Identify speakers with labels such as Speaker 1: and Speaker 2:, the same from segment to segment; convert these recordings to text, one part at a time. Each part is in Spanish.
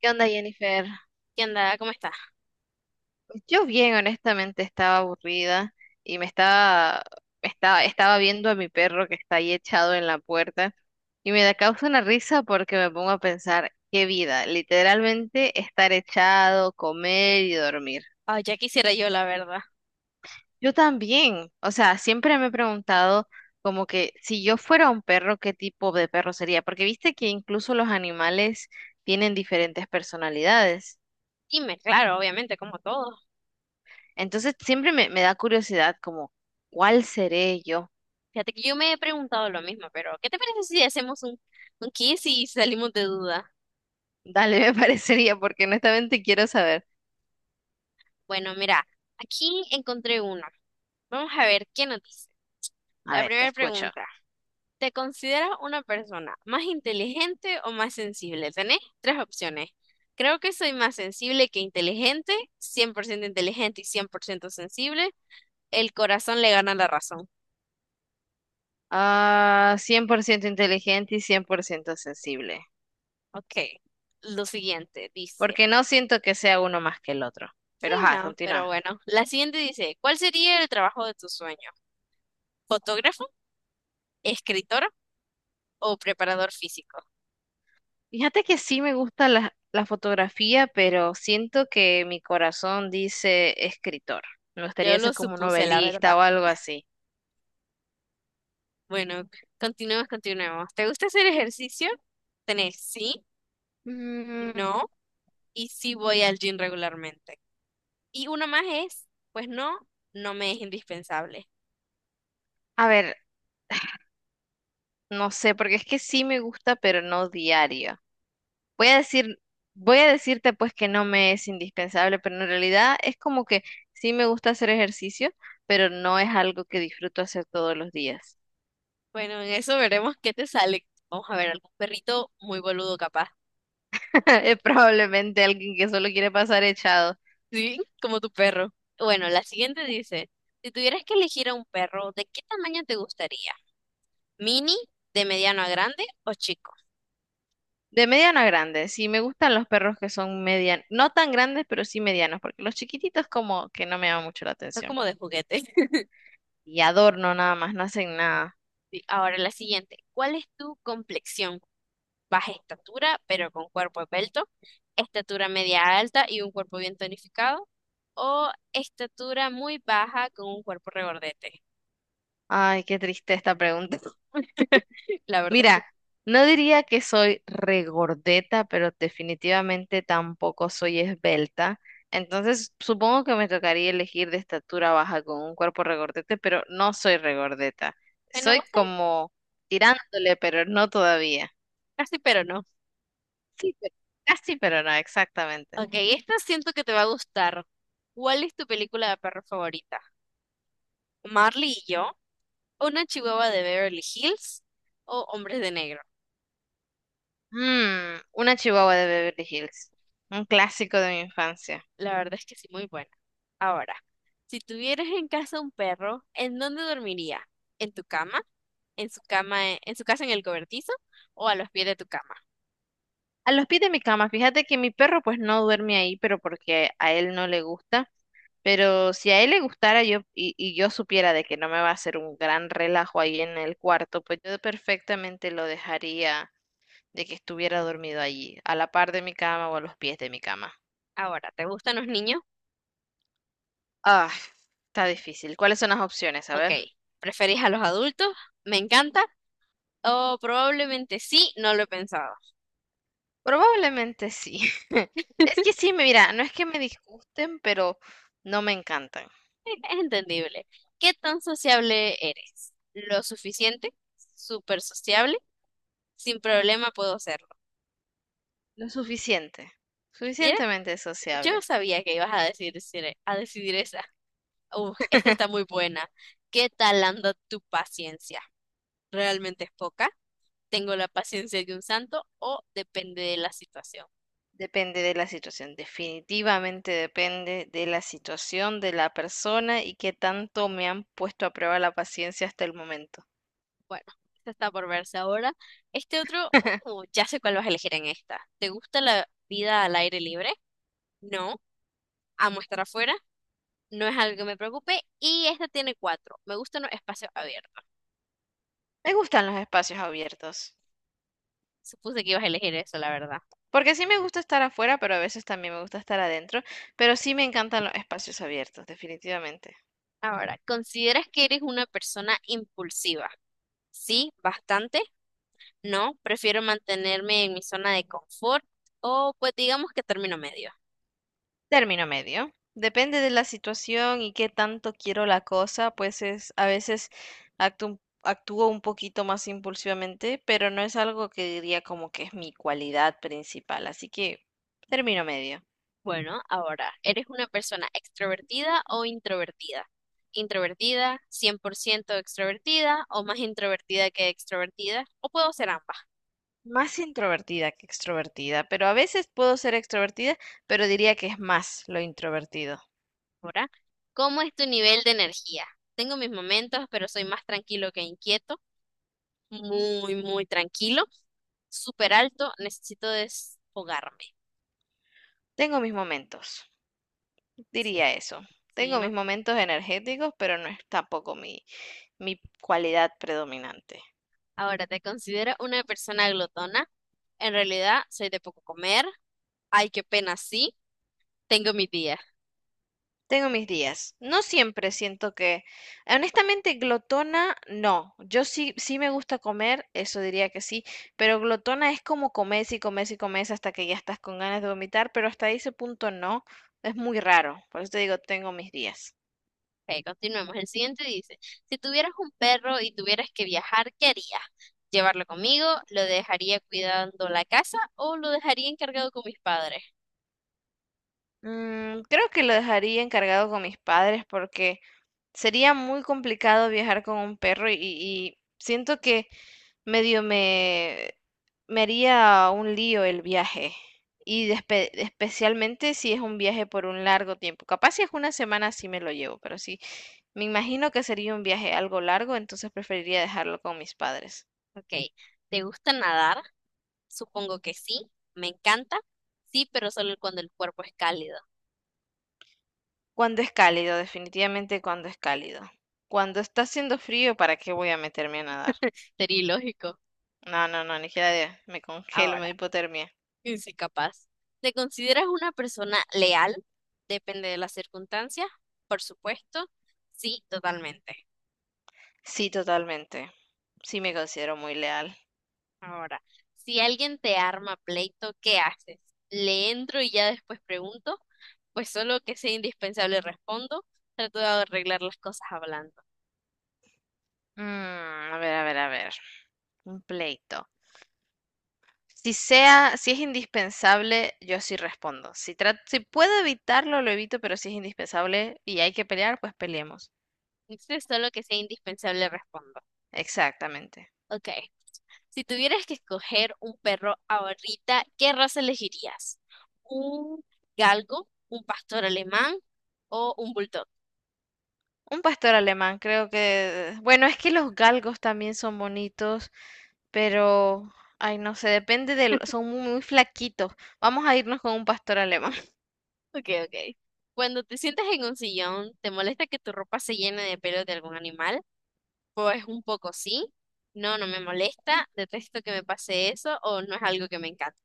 Speaker 1: ¿Qué onda, Jennifer?
Speaker 2: ¿Qué onda? ¿Cómo estás?
Speaker 1: Pues yo bien, honestamente, estaba aburrida y estaba viendo a mi perro que está ahí echado en la puerta y me da causa una risa porque me pongo a pensar, qué vida, literalmente estar echado, comer y dormir.
Speaker 2: Ay, ya quisiera yo, la verdad.
Speaker 1: Yo también, o sea, siempre me he preguntado como que si yo fuera un perro, ¿qué tipo de perro sería? Porque viste que incluso los animales tienen diferentes personalidades.
Speaker 2: Dime, claro, obviamente, como todos.
Speaker 1: Entonces siempre me da curiosidad como, ¿cuál seré yo?
Speaker 2: Fíjate que yo me he preguntado lo mismo, pero ¿qué te parece si hacemos un quiz y salimos de duda?
Speaker 1: Dale, me parecería, porque honestamente quiero saber.
Speaker 2: Bueno, mira, aquí encontré uno. Vamos a ver qué nos dice.
Speaker 1: A
Speaker 2: La
Speaker 1: ver, te
Speaker 2: primera
Speaker 1: escucho.
Speaker 2: pregunta. ¿Te consideras una persona más inteligente o más sensible? Tenés tres opciones. Creo que soy más sensible que inteligente, 100% inteligente y 100% sensible. El corazón le gana la razón.
Speaker 1: Ah, 100% inteligente y 100% sensible,
Speaker 2: Ok. Lo siguiente dice.
Speaker 1: porque no siento que sea uno más que el otro.
Speaker 2: Sí,
Speaker 1: Pero ajá,
Speaker 2: no, pero
Speaker 1: continúa.
Speaker 2: bueno. La siguiente dice, ¿cuál sería el trabajo de tu sueño? ¿Fotógrafo, escritor o preparador físico?
Speaker 1: Fíjate que sí me gusta la fotografía, pero siento que mi corazón dice escritor. Me
Speaker 2: Yo
Speaker 1: gustaría
Speaker 2: lo
Speaker 1: ser como un
Speaker 2: supuse, la verdad.
Speaker 1: novelista o algo así.
Speaker 2: Bueno, continuemos. ¿Te gusta hacer ejercicio? Tenés sí,
Speaker 1: Mm,
Speaker 2: no y sí voy al gym regularmente. Y una más es, pues no, no me es indispensable.
Speaker 1: a ver, no sé, porque es que sí me gusta, pero no diario. Voy a decir, voy a decirte pues que no me es indispensable, pero en realidad es como que sí me gusta hacer ejercicio, pero no es algo que disfruto hacer todos los días.
Speaker 2: Bueno, en eso veremos qué te sale. Vamos a ver, algún perrito muy boludo capaz.
Speaker 1: Es probablemente alguien que solo quiere pasar echado.
Speaker 2: Sí, como tu perro. Bueno, la siguiente dice, si tuvieras que elegir a un perro, ¿de qué tamaño te gustaría? ¿Mini, de mediano a grande o chico?
Speaker 1: De mediano a grande, sí me gustan los perros que son medianos, no tan grandes, pero sí medianos, porque los chiquititos como que no me llaman mucho la
Speaker 2: Está
Speaker 1: atención.
Speaker 2: como de juguete.
Speaker 1: Y adorno nada más, no hacen nada.
Speaker 2: Sí, ahora la siguiente, ¿cuál es tu complexión? Baja estatura, pero con cuerpo esbelto, estatura media alta y un cuerpo bien tonificado, o estatura muy baja con un cuerpo regordete.
Speaker 1: Ay, qué triste esta pregunta.
Speaker 2: La verdad es que,
Speaker 1: Mira, no diría que soy regordeta, pero definitivamente tampoco soy esbelta. Entonces, supongo que me tocaría elegir de estatura baja con un cuerpo regordete, pero no soy regordeta.
Speaker 2: bueno,
Speaker 1: Soy
Speaker 2: vos sabés,
Speaker 1: como tirándole, pero no todavía.
Speaker 2: casi pero no.
Speaker 1: Sí, pero casi, pero no, exactamente.
Speaker 2: Ok, esta siento que te va a gustar. ¿Cuál es tu película de perro favorita? Marley y yo, una chihuahua de Beverly Hills o Hombres de Negro.
Speaker 1: Una chihuahua de Beverly Hills, un clásico de mi infancia.
Speaker 2: La verdad es que sí, muy buena. Ahora, si tuvieras en casa un perro, ¿en dónde dormiría? ¿En tu cama? ¿En su cama, en su casa en el cobertizo? ¿O a los pies de tu cama?
Speaker 1: A los pies de mi cama, fíjate que mi perro pues no duerme ahí, pero porque a él no le gusta. Pero si a él le gustara yo y yo supiera de que no me va a hacer un gran relajo ahí en el cuarto, pues yo perfectamente lo dejaría de que estuviera dormido allí, a la par de mi cama o a los pies de mi cama.
Speaker 2: Ahora, ¿te gustan los niños?
Speaker 1: Ah, está difícil. ¿Cuáles son las opciones? A
Speaker 2: Ok.
Speaker 1: ver.
Speaker 2: ¿Preferís a los adultos? ¿Me encanta? O probablemente sí, no lo he pensado.
Speaker 1: Probablemente sí. Es que sí, mira, no es que me disgusten, pero no me encantan.
Speaker 2: Es entendible. ¿Qué tan sociable eres? ¿Lo suficiente? ¿Súper sociable? Sin problema puedo hacerlo.
Speaker 1: Lo suficiente.
Speaker 2: Mira,
Speaker 1: Suficientemente
Speaker 2: yo no
Speaker 1: sociable.
Speaker 2: sabía que ibas a decidir esa. Uf, esta está muy buena. ¿Qué tal anda tu paciencia? ¿Realmente es poca? ¿Tengo la paciencia de un santo o depende de la situación?
Speaker 1: Depende de la situación, definitivamente depende de la situación de la persona y qué tanto me han puesto a prueba la paciencia hasta el momento.
Speaker 2: Bueno, esta está por verse ahora. Este otro, ya sé cuál vas a elegir en esta. ¿Te gusta la vida al aire libre? No, amo estar afuera. No es algo que me preocupe. Y esta tiene cuatro. Me gustan los espacios abiertos.
Speaker 1: Me gustan los espacios abiertos,
Speaker 2: Supuse que ibas a elegir eso, la verdad.
Speaker 1: porque sí me gusta estar afuera, pero a veces también me gusta estar adentro, pero sí me encantan los espacios abiertos, definitivamente.
Speaker 2: Ahora, ¿consideras que eres una persona impulsiva? Sí, bastante. No, prefiero mantenerme en mi zona de confort o pues digamos que término medio.
Speaker 1: Término medio. Depende de la situación y qué tanto quiero la cosa, pues es a veces actúo un poquito más impulsivamente, pero no es algo que diría como que es mi cualidad principal, así que término medio.
Speaker 2: Bueno, ahora, ¿eres una persona extrovertida o introvertida? Introvertida, 100% extrovertida o más introvertida que extrovertida, o puedo ser ambas.
Speaker 1: Más introvertida que extrovertida, pero a veces puedo ser extrovertida, pero diría que es más lo introvertido.
Speaker 2: Ahora, ¿cómo es tu nivel de energía? Tengo mis momentos, pero soy más tranquilo que inquieto, muy tranquilo. Súper alto, necesito desfogarme.
Speaker 1: Tengo mis momentos,
Speaker 2: Sí,
Speaker 1: diría eso.
Speaker 2: sí,
Speaker 1: Tengo
Speaker 2: no.
Speaker 1: mis momentos energéticos, pero no es tampoco mi cualidad predominante.
Speaker 2: Ahora, ¿te considero una persona glotona? En realidad, soy de poco comer. Ay, qué pena, sí, tengo mi día.
Speaker 1: Tengo mis días. No siempre siento que, honestamente, glotona, no. Yo sí, sí me gusta comer, eso diría que sí, pero glotona es como comes y comes y comes hasta que ya estás con ganas de vomitar, pero hasta ese punto no. Es muy raro. Por eso te digo, tengo mis días.
Speaker 2: Ok, continuemos. El siguiente dice, si tuvieras un perro y tuvieras que viajar, ¿qué harías? ¿Llevarlo conmigo? ¿Lo dejaría cuidando la casa o lo dejaría encargado con mis padres?
Speaker 1: Creo que lo dejaría encargado con mis padres porque sería muy complicado viajar con un perro y siento que medio me haría un lío el viaje. Y especialmente si es un viaje por un largo tiempo. Capaz si es una semana sí me lo llevo, pero sí, me imagino que sería un viaje algo largo, entonces preferiría dejarlo con mis padres.
Speaker 2: Ok, ¿te gusta nadar? Supongo que sí, me encanta. Sí, pero solo cuando el cuerpo es cálido.
Speaker 1: Cuando es cálido, definitivamente cuando es cálido. Cuando está haciendo frío, ¿para qué voy a meterme a nadar?
Speaker 2: Sería ilógico.
Speaker 1: No, no, no, ni siquiera me congelo, me
Speaker 2: Ahora.
Speaker 1: doy hipotermia.
Speaker 2: Y sí, capaz. ¿Te consideras una persona leal? Depende de las circunstancias, por supuesto. Sí, totalmente.
Speaker 1: Sí, totalmente. Sí me considero muy leal.
Speaker 2: Ahora, si alguien te arma pleito, ¿qué haces? ¿Le entro y ya después pregunto? Pues solo que sea indispensable respondo. Trato de arreglar las cosas hablando.
Speaker 1: Mm, a ver, a ver, a ver. Un pleito. Si es indispensable, yo sí respondo. Si puedo evitarlo, lo evito, pero si es indispensable y hay que pelear, pues peleemos.
Speaker 2: Entonces, solo que sea indispensable respondo.
Speaker 1: Exactamente.
Speaker 2: Ok. Si tuvieras que escoger un perro ahorita, ¿qué raza elegirías? ¿Un galgo, un pastor alemán o un bulldog?
Speaker 1: Un pastor alemán, creo que, bueno, es que los galgos también son bonitos, pero, ay, no sé, depende de, son muy, muy flaquitos. Vamos a irnos con un pastor alemán.
Speaker 2: Ok, ok. Cuando te sientas en un sillón, ¿te molesta que tu ropa se llene de pelos de algún animal? Pues un poco sí. No, no me molesta. Detesto que me pase eso o no es algo que me encante.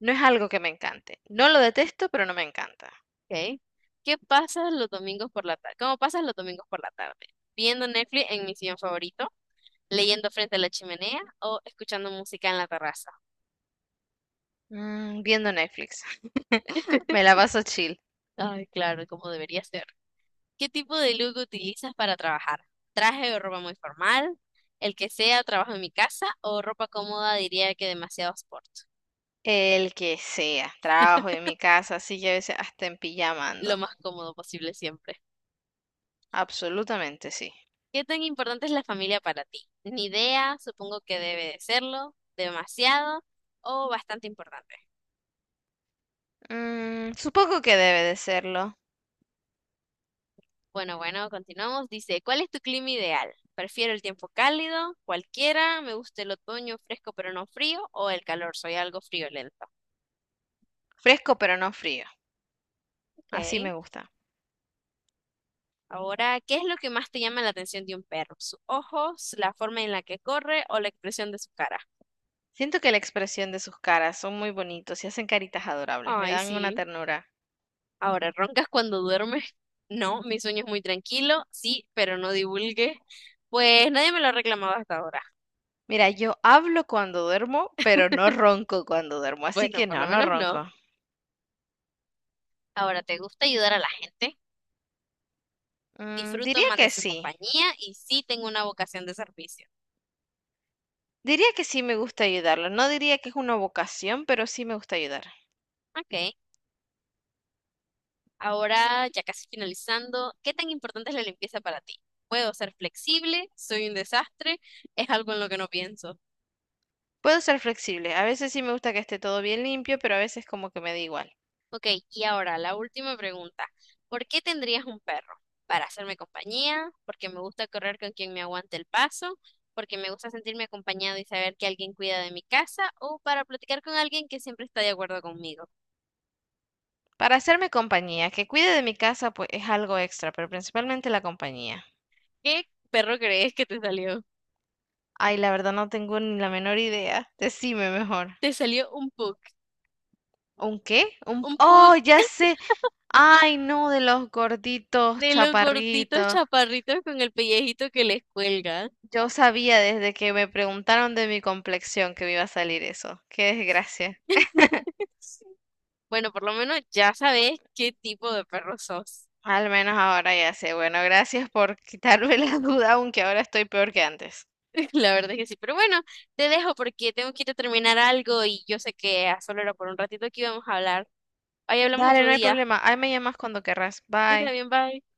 Speaker 1: No es algo que me encante. No lo detesto, pero no me encanta.
Speaker 2: Ok. ¿Qué pasas los domingos por la tarde? ¿Cómo pasas los domingos por la tarde? ¿Viendo Netflix en mi sillón favorito? ¿Leyendo frente a la chimenea o escuchando música en la terraza?
Speaker 1: Viendo Netflix. Me la paso chill.
Speaker 2: Ay, claro, como debería ser. ¿Qué tipo de look utilizas para trabajar? ¿Traje o ropa muy formal? El que sea, trabajo en mi casa o ropa cómoda, diría que demasiado sport.
Speaker 1: El que sea. Trabajo en mi casa, así que a veces hasta en pijama
Speaker 2: Lo
Speaker 1: ando.
Speaker 2: más cómodo posible siempre.
Speaker 1: Absolutamente sí.
Speaker 2: ¿Qué tan importante es la familia para ti? Ni idea, supongo que debe de serlo, demasiado o bastante importante.
Speaker 1: Supongo que debe de serlo.
Speaker 2: Bueno, continuamos. Dice, ¿cuál es tu clima ideal? Prefiero el tiempo cálido, cualquiera, me gusta el otoño fresco pero no frío o el calor, soy algo friolento.
Speaker 1: Fresco pero no frío. Así
Speaker 2: Ok.
Speaker 1: me gusta.
Speaker 2: Ahora, ¿qué es lo que más te llama la atención de un perro? ¿Sus ojos, la forma en la que corre o la expresión de su cara?
Speaker 1: Siento que la expresión de sus caras son muy bonitos y hacen caritas adorables. Me
Speaker 2: Ay,
Speaker 1: dan una
Speaker 2: sí.
Speaker 1: ternura.
Speaker 2: Ahora, ¿roncas cuando duermes? No, mi sueño es muy tranquilo, sí, pero no divulgue. Pues nadie me lo ha reclamado hasta ahora.
Speaker 1: Mira, yo hablo cuando duermo, pero no ronco cuando duermo. Así
Speaker 2: Bueno,
Speaker 1: que
Speaker 2: por lo
Speaker 1: no, no
Speaker 2: menos no.
Speaker 1: ronco.
Speaker 2: Ahora, ¿te gusta ayudar a la gente? Disfruto
Speaker 1: Diría
Speaker 2: más
Speaker 1: que
Speaker 2: de su
Speaker 1: sí.
Speaker 2: compañía y sí tengo una vocación de servicio.
Speaker 1: Diría que sí me gusta ayudarlo. No diría que es una vocación, pero sí me gusta ayudar.
Speaker 2: Ok. Ahora, ya casi finalizando, ¿qué tan importante es la limpieza para ti? ¿Puedo ser flexible? ¿Soy un desastre? ¿Es algo en lo que no pienso?
Speaker 1: Puedo ser flexible, a veces sí me gusta que esté todo bien limpio, pero a veces como que me da igual.
Speaker 2: Ok, y ahora la última pregunta. ¿Por qué tendrías un perro? ¿Para hacerme compañía? ¿Porque me gusta correr con quien me aguante el paso? ¿Porque me gusta sentirme acompañado y saber que alguien cuida de mi casa? ¿O para platicar con alguien que siempre está de acuerdo conmigo?
Speaker 1: Para hacerme compañía, que cuide de mi casa, pues es algo extra, pero principalmente la compañía.
Speaker 2: ¿Qué perro crees que te salió?
Speaker 1: Ay, la verdad no tengo ni la menor idea. Decime mejor.
Speaker 2: Te salió un pug.
Speaker 1: ¿Un qué? Un...
Speaker 2: Un pug.
Speaker 1: Oh, ya sé. Ay, no, de los gorditos,
Speaker 2: De los gorditos
Speaker 1: chaparritos.
Speaker 2: chaparritos con el pellejito que les cuelga.
Speaker 1: Yo sabía desde que me preguntaron de mi complexión que me iba a salir eso. Qué desgracia.
Speaker 2: Bueno, por lo menos ya sabes qué tipo de perro sos.
Speaker 1: Al menos ahora ya sé. Bueno, gracias por quitarme la duda, aunque ahora estoy peor que antes.
Speaker 2: La verdad es que sí. Pero bueno, te dejo porque tengo que ir a terminar algo y yo sé que a solo era por un ratito que íbamos a hablar. Ahí hablamos
Speaker 1: Dale,
Speaker 2: otro
Speaker 1: no hay
Speaker 2: día.
Speaker 1: problema. Ahí me llamas cuando querrás.
Speaker 2: Está
Speaker 1: Bye.
Speaker 2: bien, bye.